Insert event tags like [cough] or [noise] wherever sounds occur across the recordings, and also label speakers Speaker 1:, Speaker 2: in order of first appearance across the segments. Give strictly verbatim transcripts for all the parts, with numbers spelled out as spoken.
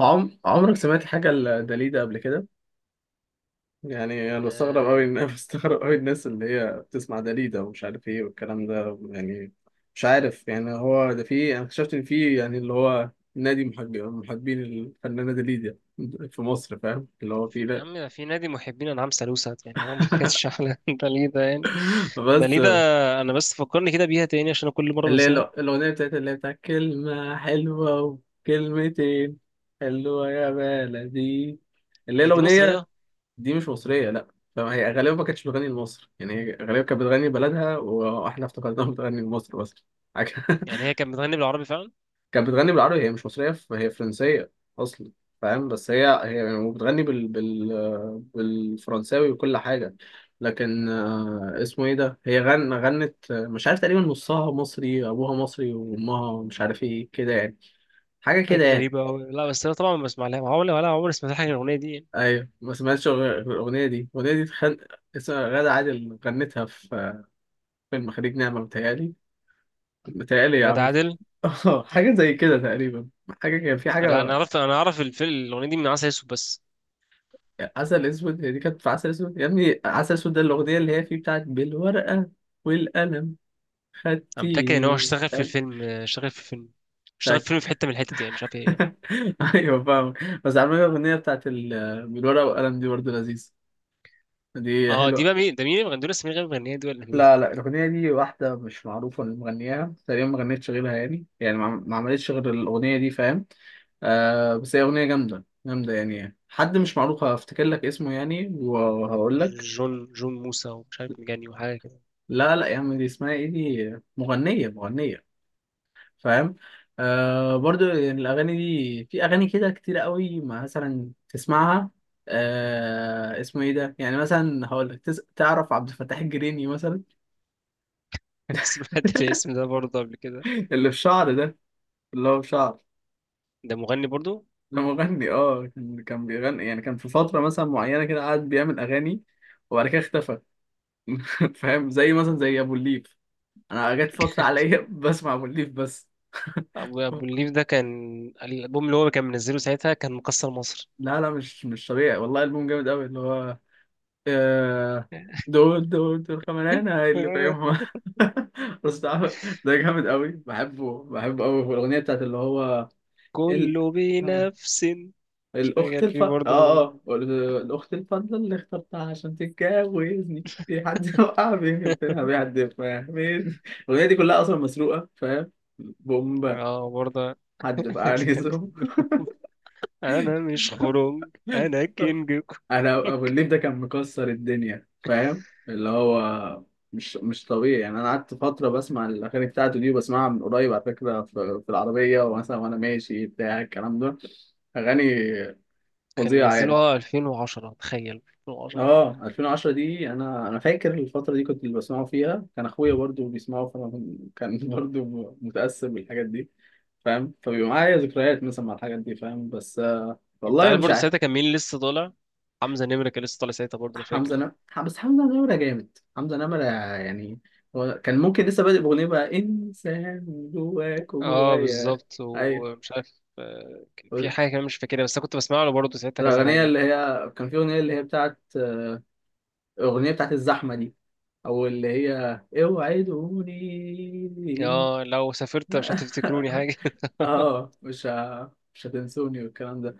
Speaker 1: عم... عمرك سمعت حاجة لداليدا قبل كده؟ يعني أنا بستغرب أوي
Speaker 2: آه،
Speaker 1: إن [laughs] بستغرب أوي الناس اللي هي بتسمع داليدا ومش عارف إيه والكلام ده يعني. مش عارف يعني هو ده، في أنا اكتشفت إن في يعني اللي هو نادي محب- محبين الفنانة داليدا في مصر. فاهم اللي هو؟ في.
Speaker 2: في يا
Speaker 1: لا.
Speaker 2: عم، في نادي محبين انعام سالوسة. يعني هو ما كانتش
Speaker 1: [laughs]
Speaker 2: احلى. [laughs] ده ليه ده يعني؟ ده
Speaker 1: بس
Speaker 2: ليه ده؟ انا بس فكرني كده بيها تاني عشان أنا كل مره
Speaker 1: اللي هي
Speaker 2: بنساها.
Speaker 1: الأ- الأغنية بتاعت اللي هي بتاعت كلمة حلوة وكلمتين، حلوة يا بلدي، اللي هي
Speaker 2: هي دي
Speaker 1: الأغنية.
Speaker 2: مصريه؟
Speaker 1: دي مش مصرية، لا. فهي غالبا ما كانتش بتغني لمصر، يعني هي غالبا كانت بتغني بلدها واحنا افتكرناها بتغني لمصر بس. حاجة-
Speaker 2: يعني هي
Speaker 1: [laughs]
Speaker 2: كانت بتغني بالعربي فعلا؟
Speaker 1: كانت بتغني بالعربي، هي مش مصرية، ف- هي فرنسية أصلا. فاهم؟ بس هي هي بتغني بال... بال... بالفرنساوي وكل حاجة. لكن آه، اسمه ايه ده، هي غن... غنت، آه، مش عارف، تقريبا نصها مصري، ابوها مصري وامها مش عارف ايه كده يعني. حاجة كده
Speaker 2: حاجه
Speaker 1: يعني.
Speaker 2: غريبه قوي. لا بس انا طبعا ما بسمع لها عمري ولا عمري سمعت حاجه من الاغنيه دي يعني.
Speaker 1: ايوه، ما سمعتش غير- غير الاغنية دي الاغنية دي تخن... اسمها غادة عادل، غنتها في فيلم خليج نعمة، متهيألي. متهيألي يا
Speaker 2: غادة
Speaker 1: عم.
Speaker 2: عادل؟
Speaker 1: [laughs] اه، حاجة زي كده تقريبا. حاجة، كان في
Speaker 2: لا انا
Speaker 1: حاجة.
Speaker 2: عرفت انا اعرف الفيلم الاغنيه دي من عسل اسود بس.
Speaker 1: عسل أسود، هي دي كانت في عسل أسود يا ابني. عسل أسود، ده الأغنية اللي هي فيه بتاعت بالورقة والقلم،
Speaker 2: انا متاكد ان هو
Speaker 1: خدتيني،
Speaker 2: اشتغل في الفيلم، اشتغل في الفيلم، اشتغل في فيلم في
Speaker 1: خدتك.
Speaker 2: حته من الحتت يعني، مش عارف ايه.
Speaker 1: [laughs] أيوة فاهم. بس عامة الأغنية بتاعت ال- بالورقة والقلم دي برضه لذيذة، دي
Speaker 2: اه دي
Speaker 1: حلوة.
Speaker 2: بقى مين؟ ده مين اللي بيغني؟ دول اسمين غير مغنيه دول ولا مين؟
Speaker 1: لا لا، الأغنية دي واحدة مش معروفة، اللي مغنياها تقريبا ما غنتش غيرها يعني يعني ما ما عملتش غير الأغنية دي، فاهم؟ آه بس هي أغنية جامدة جامدة يعني. حد مش معروف، هفتكر لك اسمه يعني وهقول لك.
Speaker 2: جون، جون موسى ومش عارف مجاني وحاجه.
Speaker 1: لا لا يا عم، دي اسمها ايه، دي مغنية مغنية، فاهم؟ آه برضو يعني، الأغاني دي، في أغاني كده كتير قوي ما مثلا تسمعها. آه اسمه ايه ده، يعني مثلا هقول لك، تس... تعرف عبد الفتاح الجريني مثلا؟
Speaker 2: [laughs] سمعت الاسم ده برضه قبل كده.
Speaker 1: [laughs] اللي في شعر ده، اللي هو في شعر.
Speaker 2: ده مغني برضه.
Speaker 1: ده مغني، اه. كان كان بيغني يعني، كان في فترة مثلا معينة كده، قعد بيعمل أغاني وبعد كده اختفى. [laughs] فاهم، زي مثلا زي أبو الليف. أنا جت فترة عليا [laughs] بسمع أبو الليف بس. [laughs]
Speaker 2: ابو ابو الليف ده كان، الالبوم اللي هو كان منزله ساعتها كان مكسر مصر.
Speaker 1: لا لا، مش مش طبيعي والله، ألبوم جامد أوي اللي هو، آه، دول دول دول كمان أنا
Speaker 2: [laughs]
Speaker 1: اللي
Speaker 2: أنا
Speaker 1: فاهمها. [laughs] بس ده، ده جامد أوي، بحبه بحبه أوي. والأغنية بتاعت اللي هو
Speaker 2: كله
Speaker 1: ال...
Speaker 2: بنفس
Speaker 1: الأخت
Speaker 2: شغال
Speaker 1: الف
Speaker 2: فيه
Speaker 1: آه
Speaker 2: برضه.
Speaker 1: آه الأخت الفضلة اللي اخترتها عشان تتجوزني، في حد وقع بيني وبينها بيحد، فاهمني؟ الأغنية دي كلها أصلا مسروقة، فاهم؟ بومبا،
Speaker 2: اه برضه.
Speaker 1: حد
Speaker 2: [laughs]
Speaker 1: فقعني زوم.
Speaker 2: انا مش خرنج انا كينج.
Speaker 1: أنا أبو الليف ده كان مكسر الدنيا، فاهم اللي هو؟ مش مش طبيعي يعني. أنا قعدت فترة بسمع الأغاني بتاعته دي، وبسمعها من قريب على فكرة، في في العربية ومثلا وأنا ماشي بتاع الكلام ده، أغاني
Speaker 2: كان
Speaker 1: فظيعة
Speaker 2: منزله
Speaker 1: يعني.
Speaker 2: اه ألفين وعشرة، تخيل ألفين وعشرة.
Speaker 1: اه، ألفين وعشرة دي، انا انا فاكر الفتره دي، كنت اللي بسمعه فيها كان اخويا برضو بيسمعه، فانا كن- كان [laughs] برضو متاثر بالحاجات دي، فاهم؟ فبيبقى معايا ذكريات مثلا مع الحاجات دي، فاهم؟ بس آه
Speaker 2: انت
Speaker 1: والله
Speaker 2: عارف
Speaker 1: مش
Speaker 2: برضه ساعتها
Speaker 1: عارف.
Speaker 2: كان مين لسه طالع؟ حمزة نمرة كان لسه طالع ساعتها برضه، انا فاكر.
Speaker 1: حمزه نمرة، بس حمزه نمرة جامد، حمزه نمرة يعني. هو كان ممكن لسه بادئ باغنيه بقى انسان جواك
Speaker 2: اه
Speaker 1: وجوايا.
Speaker 2: بالظبط،
Speaker 1: ايوه
Speaker 2: ومش عارف، آه، كان في حاجة كمان مش فاكرها، بس انا كنت بسمع له برضه ساعتها كذا
Speaker 1: الاغنيه
Speaker 2: حاجة.
Speaker 1: اللي هي، كان في اغنيه اللي هي بتاعت، الاغنيه بتاعت الزحمه دي، او اللي هي اوعدوني.
Speaker 2: اه لو سافرت مش هتفتكروني
Speaker 1: [laughs]
Speaker 2: حاجة. [laughs]
Speaker 1: اه مش ه... مش هتنسوني والكلام ده.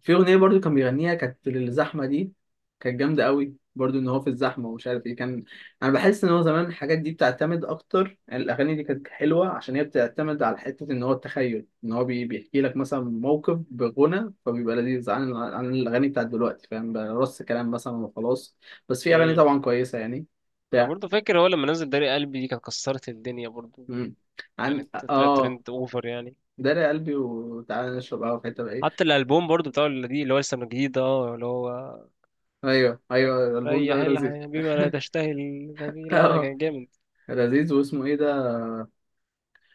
Speaker 1: في اغنيه برضو كان بيغنيها كانت للزحمه دي، كانت جامده قوي برضو، ان هو في الزحمه ومش عارف ايه كان. انا بحس ان هو زمان الحاجات دي بتعتمد اكتر يعني، الاغاني دي كانت حلوه عشان هي بتعتمد على حته، ان هو التخيل، ان هو بي... بيحكي لك مثلا موقف، بغنى فبيبقى لذيذ، عن عن الاغاني بتاعت دلوقتي، فاهم؟ بقى رص كلام مثلا وخلاص. بس في اغاني
Speaker 2: امم
Speaker 1: طبعا كويسه يعني.
Speaker 2: انا
Speaker 1: بتاع.
Speaker 2: برضو فاكر هو لما نزل داري قلبي دي كانت كسرت الدنيا برضو.
Speaker 1: مم. عن
Speaker 2: كانت طلعت
Speaker 1: اه
Speaker 2: ترند اوفر يعني.
Speaker 1: داري يا قلبي وتعالى نشرب قهوه في حته بقى.
Speaker 2: حتى الالبوم برضو بتاع اللي دي اللي هو لسه من جديد ده، اه اللي هو
Speaker 1: ايوه ايوه، الالبوم ده
Speaker 2: ريح
Speaker 1: لذيذ.
Speaker 2: الحياة بما لا تشتهي، مش عارف إيه. لا لا
Speaker 1: اه
Speaker 2: كان جامد.
Speaker 1: لذيذ، واسمه ايه ده؟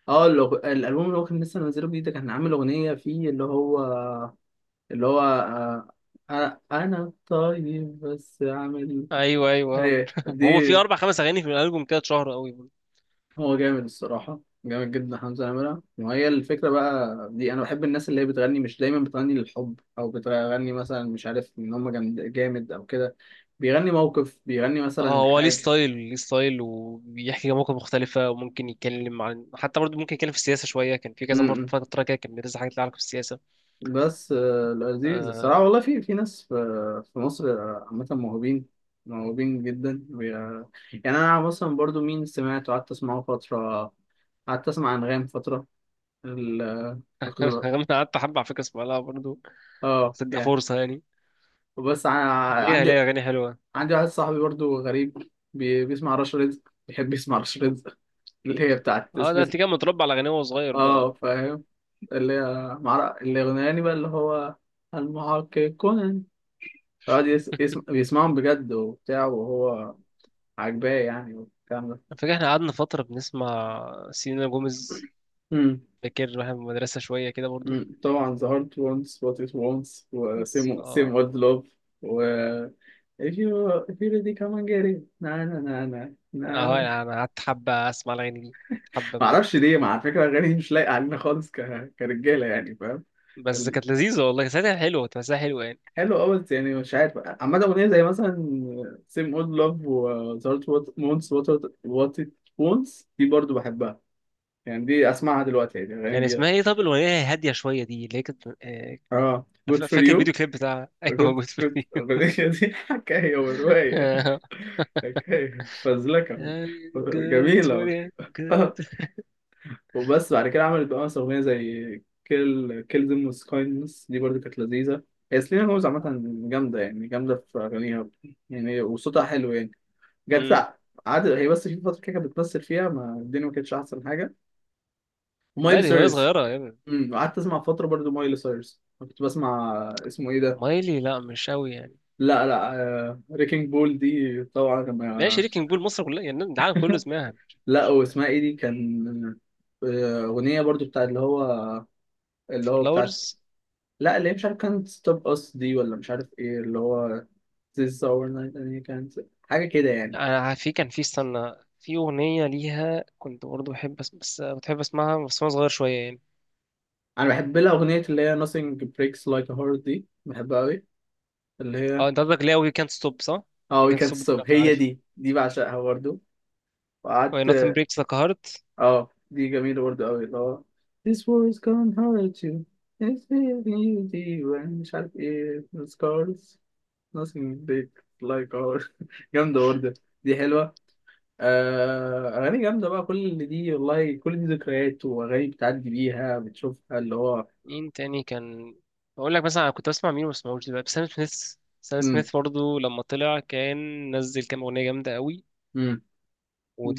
Speaker 1: اه الأغ- الالبوم اللي هو كان لسه منزله جديد ده، كان عامل اغنيه فيه اللي هو اللي هو آه، انا أنا طيب بس عامل.
Speaker 2: ايوه ايوه،
Speaker 1: ايه
Speaker 2: [laughs]
Speaker 1: دي؟
Speaker 2: هو في اربع خمس اغاني في الالبوم كده اتشهر قوي برضو.
Speaker 1: هو جامد الصراحه، جامد جدا حمزه نمره. وهي الفكره بقى دي، انا بحب الناس اللي هي بتغني مش دايما بتغني للحب او بتغني مثلا، مش عارف، ان هم جامد جامد او كده، بيغني موقف، بيغني
Speaker 2: اه
Speaker 1: مثلا
Speaker 2: هو ليه
Speaker 1: حاجه.
Speaker 2: ستايل، ليه ستايل وبيحكي مواقف مختلفة، وممكن يتكلم عن حتى برضه ممكن يتكلم في السياسة شوية، كان في كذا مرة فترة كده كان بينزل حاجات لها علاقة
Speaker 1: بس آه، لذيذ الصراحة
Speaker 2: بالسياسة.
Speaker 1: والله، في في ناس، في في مصر آه، عامة موهوبين موهوبين جدا. وي- آه، يعني أنا مثلا برضو، مين سمعت وقعدت أسمعه فترة، قعدت أسمع أنغام فترة ال آه، كنت ب-
Speaker 2: انا قعدت حبه على فكره اسمع لها برضه،
Speaker 1: اه
Speaker 2: بس اديها
Speaker 1: يعني.
Speaker 2: فرصه يعني،
Speaker 1: بس
Speaker 2: ليها
Speaker 1: عندي
Speaker 2: ليها اغاني حلوه.
Speaker 1: عندي واحد صاحبي برضو غريب، بي- بيسمع رش رزق، بيحب يسمع رش رزق. [laughs] اللي هي بتاعت
Speaker 2: اه ده
Speaker 1: سبيس-
Speaker 2: انت كان متربى على اغاني وهو صغير
Speaker 1: اه
Speaker 2: بقى ف-
Speaker 1: فاهم. اللي هي مع اللي غناني بقى، اللي هو المحقق. يقعد يس... يسم... بيسمعهم بجد وبتاع، وهو عاجباه يعني والكلام ده.
Speaker 2: فاكر احنا قعدنا فتره بنسمع سيلينا جوميز؟
Speaker 1: امم.
Speaker 2: فاكر واحنا في المدرسه شويه كده برضه؟
Speaker 1: أمم. طبعا The Heart Wants What It Wants و
Speaker 2: بس
Speaker 1: Same, same
Speaker 2: اه.
Speaker 1: Old Love و If you, if you really come and get it, na na na na, na
Speaker 2: اه
Speaker 1: na.
Speaker 2: يعني
Speaker 1: [laughs]
Speaker 2: انا قعدت حبه اسمع الاغاني دي، حبه بجد.
Speaker 1: معرفش ليه مع فكرة أغاني مش لايقة علينا خالص، ك... كرجالة يعني، فاهم؟
Speaker 2: بس
Speaker 1: ال...
Speaker 2: كانت لذيذه والله ساعتها، حلوه، كانت تمثيلها حلوه يعني.
Speaker 1: حلو أوي بس، يعني مش عارف، عامة أغنية زي مثلا Same Old Love و The Heart Wants What It What It Wants، دي برضو بحبها يعني. دي اسمعها دلوقتي يعني، الاغاني
Speaker 2: كان
Speaker 1: دي.
Speaker 2: اسمها ايه طب الاغنيه هاديه شويه دي اللي هي كانت آه،
Speaker 1: اه جود
Speaker 2: فا-
Speaker 1: فور
Speaker 2: فاكر
Speaker 1: يو،
Speaker 2: الفيديو كليب بتاعها، [laughs] ايوه
Speaker 1: جود
Speaker 2: موجود في
Speaker 1: جود
Speaker 2: الفيديو.
Speaker 1: [laughs] دي حكايه وروايه،
Speaker 2: [laughs]
Speaker 1: حكايه فزلكه. [laughs]
Speaker 2: good for
Speaker 1: جميله.
Speaker 2: you. good.
Speaker 1: آه، وبس بعد كده عملت بقى مثلا اغنيه زي كيل كيل ذيم وذ كايندنس، دي برضو كانت لذيذه. هي سلينا جوز عامه جامده يعني، جامده في اغانيها يعني، وصوتها حلو يعني. جت،
Speaker 2: امم
Speaker 1: قعدت هي بس في فتره كده كانت بتمثل فيها، ما الدنيا ما كانتش احسن حاجه.
Speaker 2: لا
Speaker 1: ومايلي
Speaker 2: دي وهي
Speaker 1: سيريس،
Speaker 2: صغيرة يا ابني.
Speaker 1: امم قعدت اسمع فتره برضو مايلي سيريس كنت بسمع، اسمه ايه ده؟
Speaker 2: مايلي لا مش قوي يعني.
Speaker 1: لا لا. آه، ريكينج بول دي طبعا
Speaker 2: ماشي،
Speaker 1: ما-
Speaker 2: شريكنج بول مصر كلها يعني العالم كله سمعها. مش-
Speaker 1: لا،
Speaker 2: مش-
Speaker 1: واسمها ايه دي كان، آه، أغنية برضو بتاع اللي هو اللي هو بتاعت.
Speaker 2: فلاورز.
Speaker 1: لا اللي هي، مش عارف، كانت ستوب أس دي ولا مش عارف ايه، اللي هو This is our night and he can't، حاجة كده يعني.
Speaker 2: انا في كان في، استنى، في اغنيه ليها كنت برضه بحب أس... بس بتحب اسمعها بس وانا صغير شويه يعني.
Speaker 1: أنا بحب لها أغنية اللي هي nothing breaks like a heart، دي بحبها أوي، اللي هي.
Speaker 2: اه انت قصدك لا وي كانت ستوب، صح؟
Speaker 1: اه
Speaker 2: وي
Speaker 1: we
Speaker 2: كانت
Speaker 1: can't
Speaker 2: ستوب دي
Speaker 1: stop،
Speaker 2: انا
Speaker 1: هي
Speaker 2: عارفها.
Speaker 1: دي، دي بعشقها برضو.
Speaker 2: و
Speaker 1: وقعدت.
Speaker 2: nothing breaks the heart.
Speaker 1: اه دي جميلة برضه قوي، اللي هو This war is gonna hurt you, It's leaving you deep and مش عارف ايه The scars, nothing big like ours. [laughs] جامدة برضه، دي حلوة. آه أغاني جامدة بقى كل اللي دي، والله كل دي ذكريات وأغاني، بتعدي بيها، بتشوفها اللي هو.
Speaker 2: مين تاني كان؟ بقول لك مثلا انا كنت بسمع مين وما بسمعوش دلوقتي؟ سام سميث. سام
Speaker 1: مم.
Speaker 2: سميث برضه لما طلع كان نزل كام اغنيه جامده قوي.
Speaker 1: مم.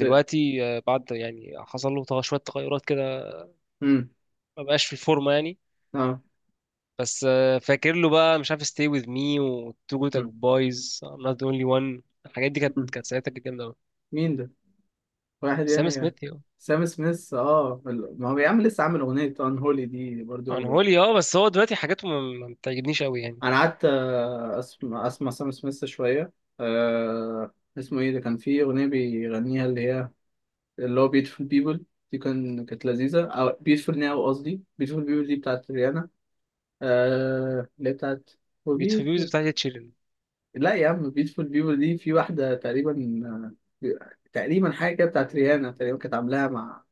Speaker 1: ده
Speaker 2: آه، بعد يعني حصل له تغ- شويه تغيرات كده،
Speaker 1: مم.
Speaker 2: ما بقاش في الفورمه يعني.
Speaker 1: اه
Speaker 2: بس آه، فاكر له بقى، مش عارف، stay with me و two good
Speaker 1: مم.
Speaker 2: boys، I'm not the only one. الحاجات دي كانت،
Speaker 1: مم.
Speaker 2: كانت ساعتها كانت جامدة أوي.
Speaker 1: مين ده؟ واحد
Speaker 2: سام
Speaker 1: يعني.
Speaker 2: سميث يا.
Speaker 1: سام سميث، اه، ال- ما هو بيعمل لسه، عامل أغنية Unholy دي
Speaker 2: عن
Speaker 1: برضه.
Speaker 2: هولي اه، بس هو دلوقتي حاجاته ما ما بتعجبنيش أوي يعني.
Speaker 1: انا قعدت آه، اسمع، اسمع سام سميث شويه. أه اسمه ايه ده، كان فيه اغنيه بيغنيها اللي هي، اللي هو بيوتيفول بيبل، دي كان كانت لذيذه، او بيوتيفول ناو، قصدي بيوتيفول بيبل دي بتاعت ريانا، أه اللي هي بتاعت "For
Speaker 2: بيوتيفول بيوز
Speaker 1: Beautiful".
Speaker 2: بتاعتي تشيلن.
Speaker 1: لا يا عم، بيوتيفول بيبل دي، في واحده تقريبا، آه، بي- تقريبا حاجه كده بتاعت ريانا تقريبا، كانت عاملاها مع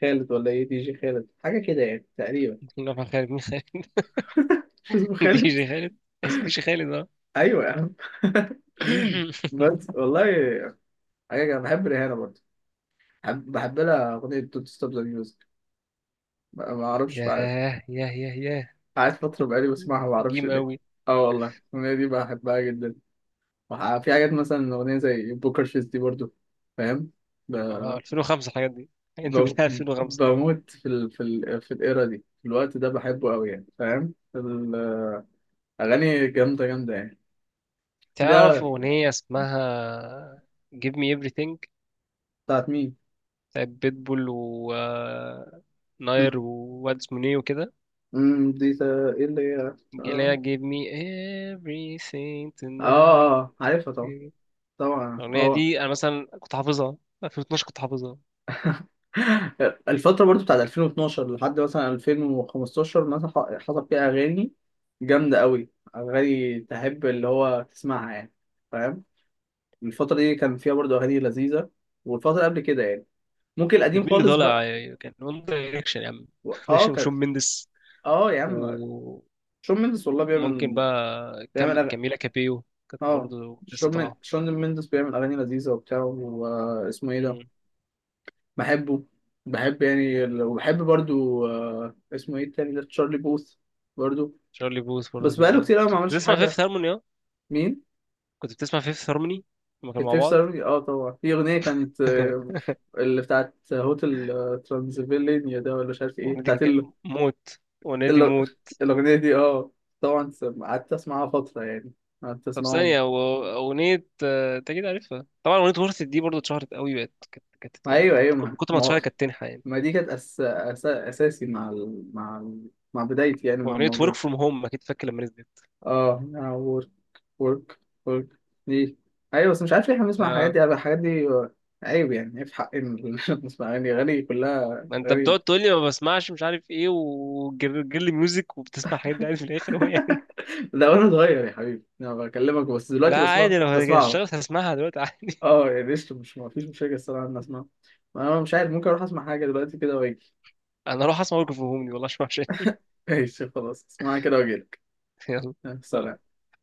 Speaker 1: خالد ولا ايه، دي جي خالد، حاجه كده يعني تقريبا.
Speaker 2: [laughs] خالد مين خالد؟
Speaker 1: [laughs] مش اسمه
Speaker 2: [laughs] دي
Speaker 1: خالد؟
Speaker 2: جي خالد. عايز دي جي خالد، اه.
Speaker 1: ايوه يا عم. [laughs]
Speaker 2: [laughs]
Speaker 1: بس والله حاجة كده. بحب ريهانة برضه، بحب, بحب لها أغنية دونت ستوب ذا ميوزك، ما ما أعرفش بقى،
Speaker 2: ياه ياه ياه ياه.
Speaker 1: قعدت فترة بقالي بسمعها، ما أعرفش
Speaker 2: قديم
Speaker 1: ليه.
Speaker 2: أوي.
Speaker 1: أه والله الأغنية دي بحبها جدا. وح- في حاجات مثلا أغنية زي بوكر فيس دي برضه، فاهم؟ ب-
Speaker 2: اه ألفين وخمسة الحاجات دي، الحاجات دي
Speaker 1: ب-
Speaker 2: كلها ألفين وخمسة.
Speaker 1: بموت في ال في ال في الإيرا دي، في الوقت ده بحبه أوي يعني، فاهم؟ الأغاني جامدة جامدة يعني.
Speaker 2: تعرف
Speaker 1: ده
Speaker 2: أغنية اسمها Give me everything؟
Speaker 1: بتاعت مين؟
Speaker 2: بتاعت بيتبول و آه، ناير
Speaker 1: مم.
Speaker 2: وواد اسمه نيو وكده.
Speaker 1: مم، دي تا- إيه اللي هي؟
Speaker 2: جيليا
Speaker 1: آه.
Speaker 2: gave me everything
Speaker 1: آه،
Speaker 2: tonight.
Speaker 1: آه، عارفها طبعا، طبعا
Speaker 2: الأغنية
Speaker 1: هو.
Speaker 2: دي أنا مثلا كنت حافظها، ألفين واتناشر كنت حافظها.
Speaker 1: الفترة برضو بتاعت ألفين واتناشر لحد مثلا ألفين وخمستاشر مثلا، ح- حصل فيها أغاني جامدة قوي، أغاني تحب اللي هو تسمعها يعني، فاهم؟ الفترة دي كان فيها برضو أغاني لذيذة، والفترة قبل كده يعني، ممكن
Speaker 2: كان
Speaker 1: القديم
Speaker 2: مين اللي
Speaker 1: خالص بقى.
Speaker 2: طالع؟ كان وان دايركشن يا عم،
Speaker 1: و-
Speaker 2: [laughs]
Speaker 1: اه
Speaker 2: دايركشن
Speaker 1: كانت،
Speaker 2: وشون مندس
Speaker 1: اه يا عم
Speaker 2: وممكن
Speaker 1: شون مندس والله بيعمل،
Speaker 2: بقى كام،
Speaker 1: بيعمل أغاني،
Speaker 2: كاميلا كابيو كانت
Speaker 1: اه.
Speaker 2: برضه لسه
Speaker 1: شون من...
Speaker 2: طالعة.
Speaker 1: شون مندس بيعمل أغاني لذيذة وبتاع، واسمه إيه ده،
Speaker 2: مم.
Speaker 1: بحبه، بحب يعني ال- وبحب برضو، آه، اسمه إيه التاني ده، تشارلي بوث برضو.
Speaker 2: شارلي بوث
Speaker 1: بس
Speaker 2: برضه كان
Speaker 1: بقاله
Speaker 2: جامد.
Speaker 1: كتير قوي
Speaker 2: أنت
Speaker 1: ما
Speaker 2: كنت
Speaker 1: عملش
Speaker 2: بتسمع
Speaker 1: حاجة.
Speaker 2: فيفث هارموني اه؟
Speaker 1: مين؟
Speaker 2: كنت بتسمع فيفث هارموني لما كانوا مع
Speaker 1: الفيف
Speaker 2: بعض؟
Speaker 1: سيرفي، اه طبعا، في أغنية كانت
Speaker 2: [laughs]
Speaker 1: آه، اللي بتاعت هوتل، آه، ترانسفيلينيا ده ولا مش عارف ايه،
Speaker 2: الأغنية دي
Speaker 1: بتاعت
Speaker 2: كانت جا-
Speaker 1: ال...
Speaker 2: موت، الأغنية دي
Speaker 1: ال...
Speaker 2: موت.
Speaker 1: الأغنية دي، اه، طبعا سم- قعدت أسمعها فترة يعني، قعدت
Speaker 2: طب
Speaker 1: أسمعهم.
Speaker 2: ثانية، هو أغنية آه، أنت أكيد عارفها طبعا، أغنية ورثة دي برضه اتشهرت قوي بقت، كانت كانت يعني
Speaker 1: أيوه
Speaker 2: كانت
Speaker 1: أيوه، ما
Speaker 2: كل- كتر ما
Speaker 1: ما,
Speaker 2: اتشهرت كانت تنحى يعني.
Speaker 1: ما دي كانت أس... أس... أساسي مع ال... مع ال... مع بدايتي يعني، مع
Speaker 2: وأغنية ورك
Speaker 1: الموضوع.
Speaker 2: فروم هوم أكيد فاكر لما نزلت.
Speaker 1: اه هنا ورك ورك ورك دي. ايوه بس مش عارف ليه احنا بنسمع الحاجات
Speaker 2: آه.
Speaker 1: دي الحاجات دي عيب يعني، عيب في حق إن نسمع [laughs] اغاني اغاني كلها
Speaker 2: ما أنت
Speaker 1: غريب.
Speaker 2: بتقعد
Speaker 1: [laughs]
Speaker 2: تقول لي ما بسمعش مش عارف إيه وجيرلي ميوزك، وبتسمع حاجات دي عادي في الآخر هو يعني.
Speaker 1: ده وانا صغير يا حبيبي، انا بكلمك بس
Speaker 2: [laughs] لا
Speaker 1: دلوقتي بسمع
Speaker 2: عادي، لو
Speaker 1: بسمعه،
Speaker 2: اشتغلت هسمعها دلوقتي عادي.
Speaker 1: اه يعني قشطة، مش ما فيش مشاكل الصراحه ان اسمعه. ما انا مش عارف، ممكن اروح اسمع حاجه دلوقتي كده واجي.
Speaker 2: [laughs] أنا أروح أسمع ورك فروم هوم دي، والله مش وحشة.
Speaker 1: [laughs] ماشي خلاص، اسمعها كده واجيلك.
Speaker 2: [laughs] يلا.
Speaker 1: آه، سلام.
Speaker 2: سلام.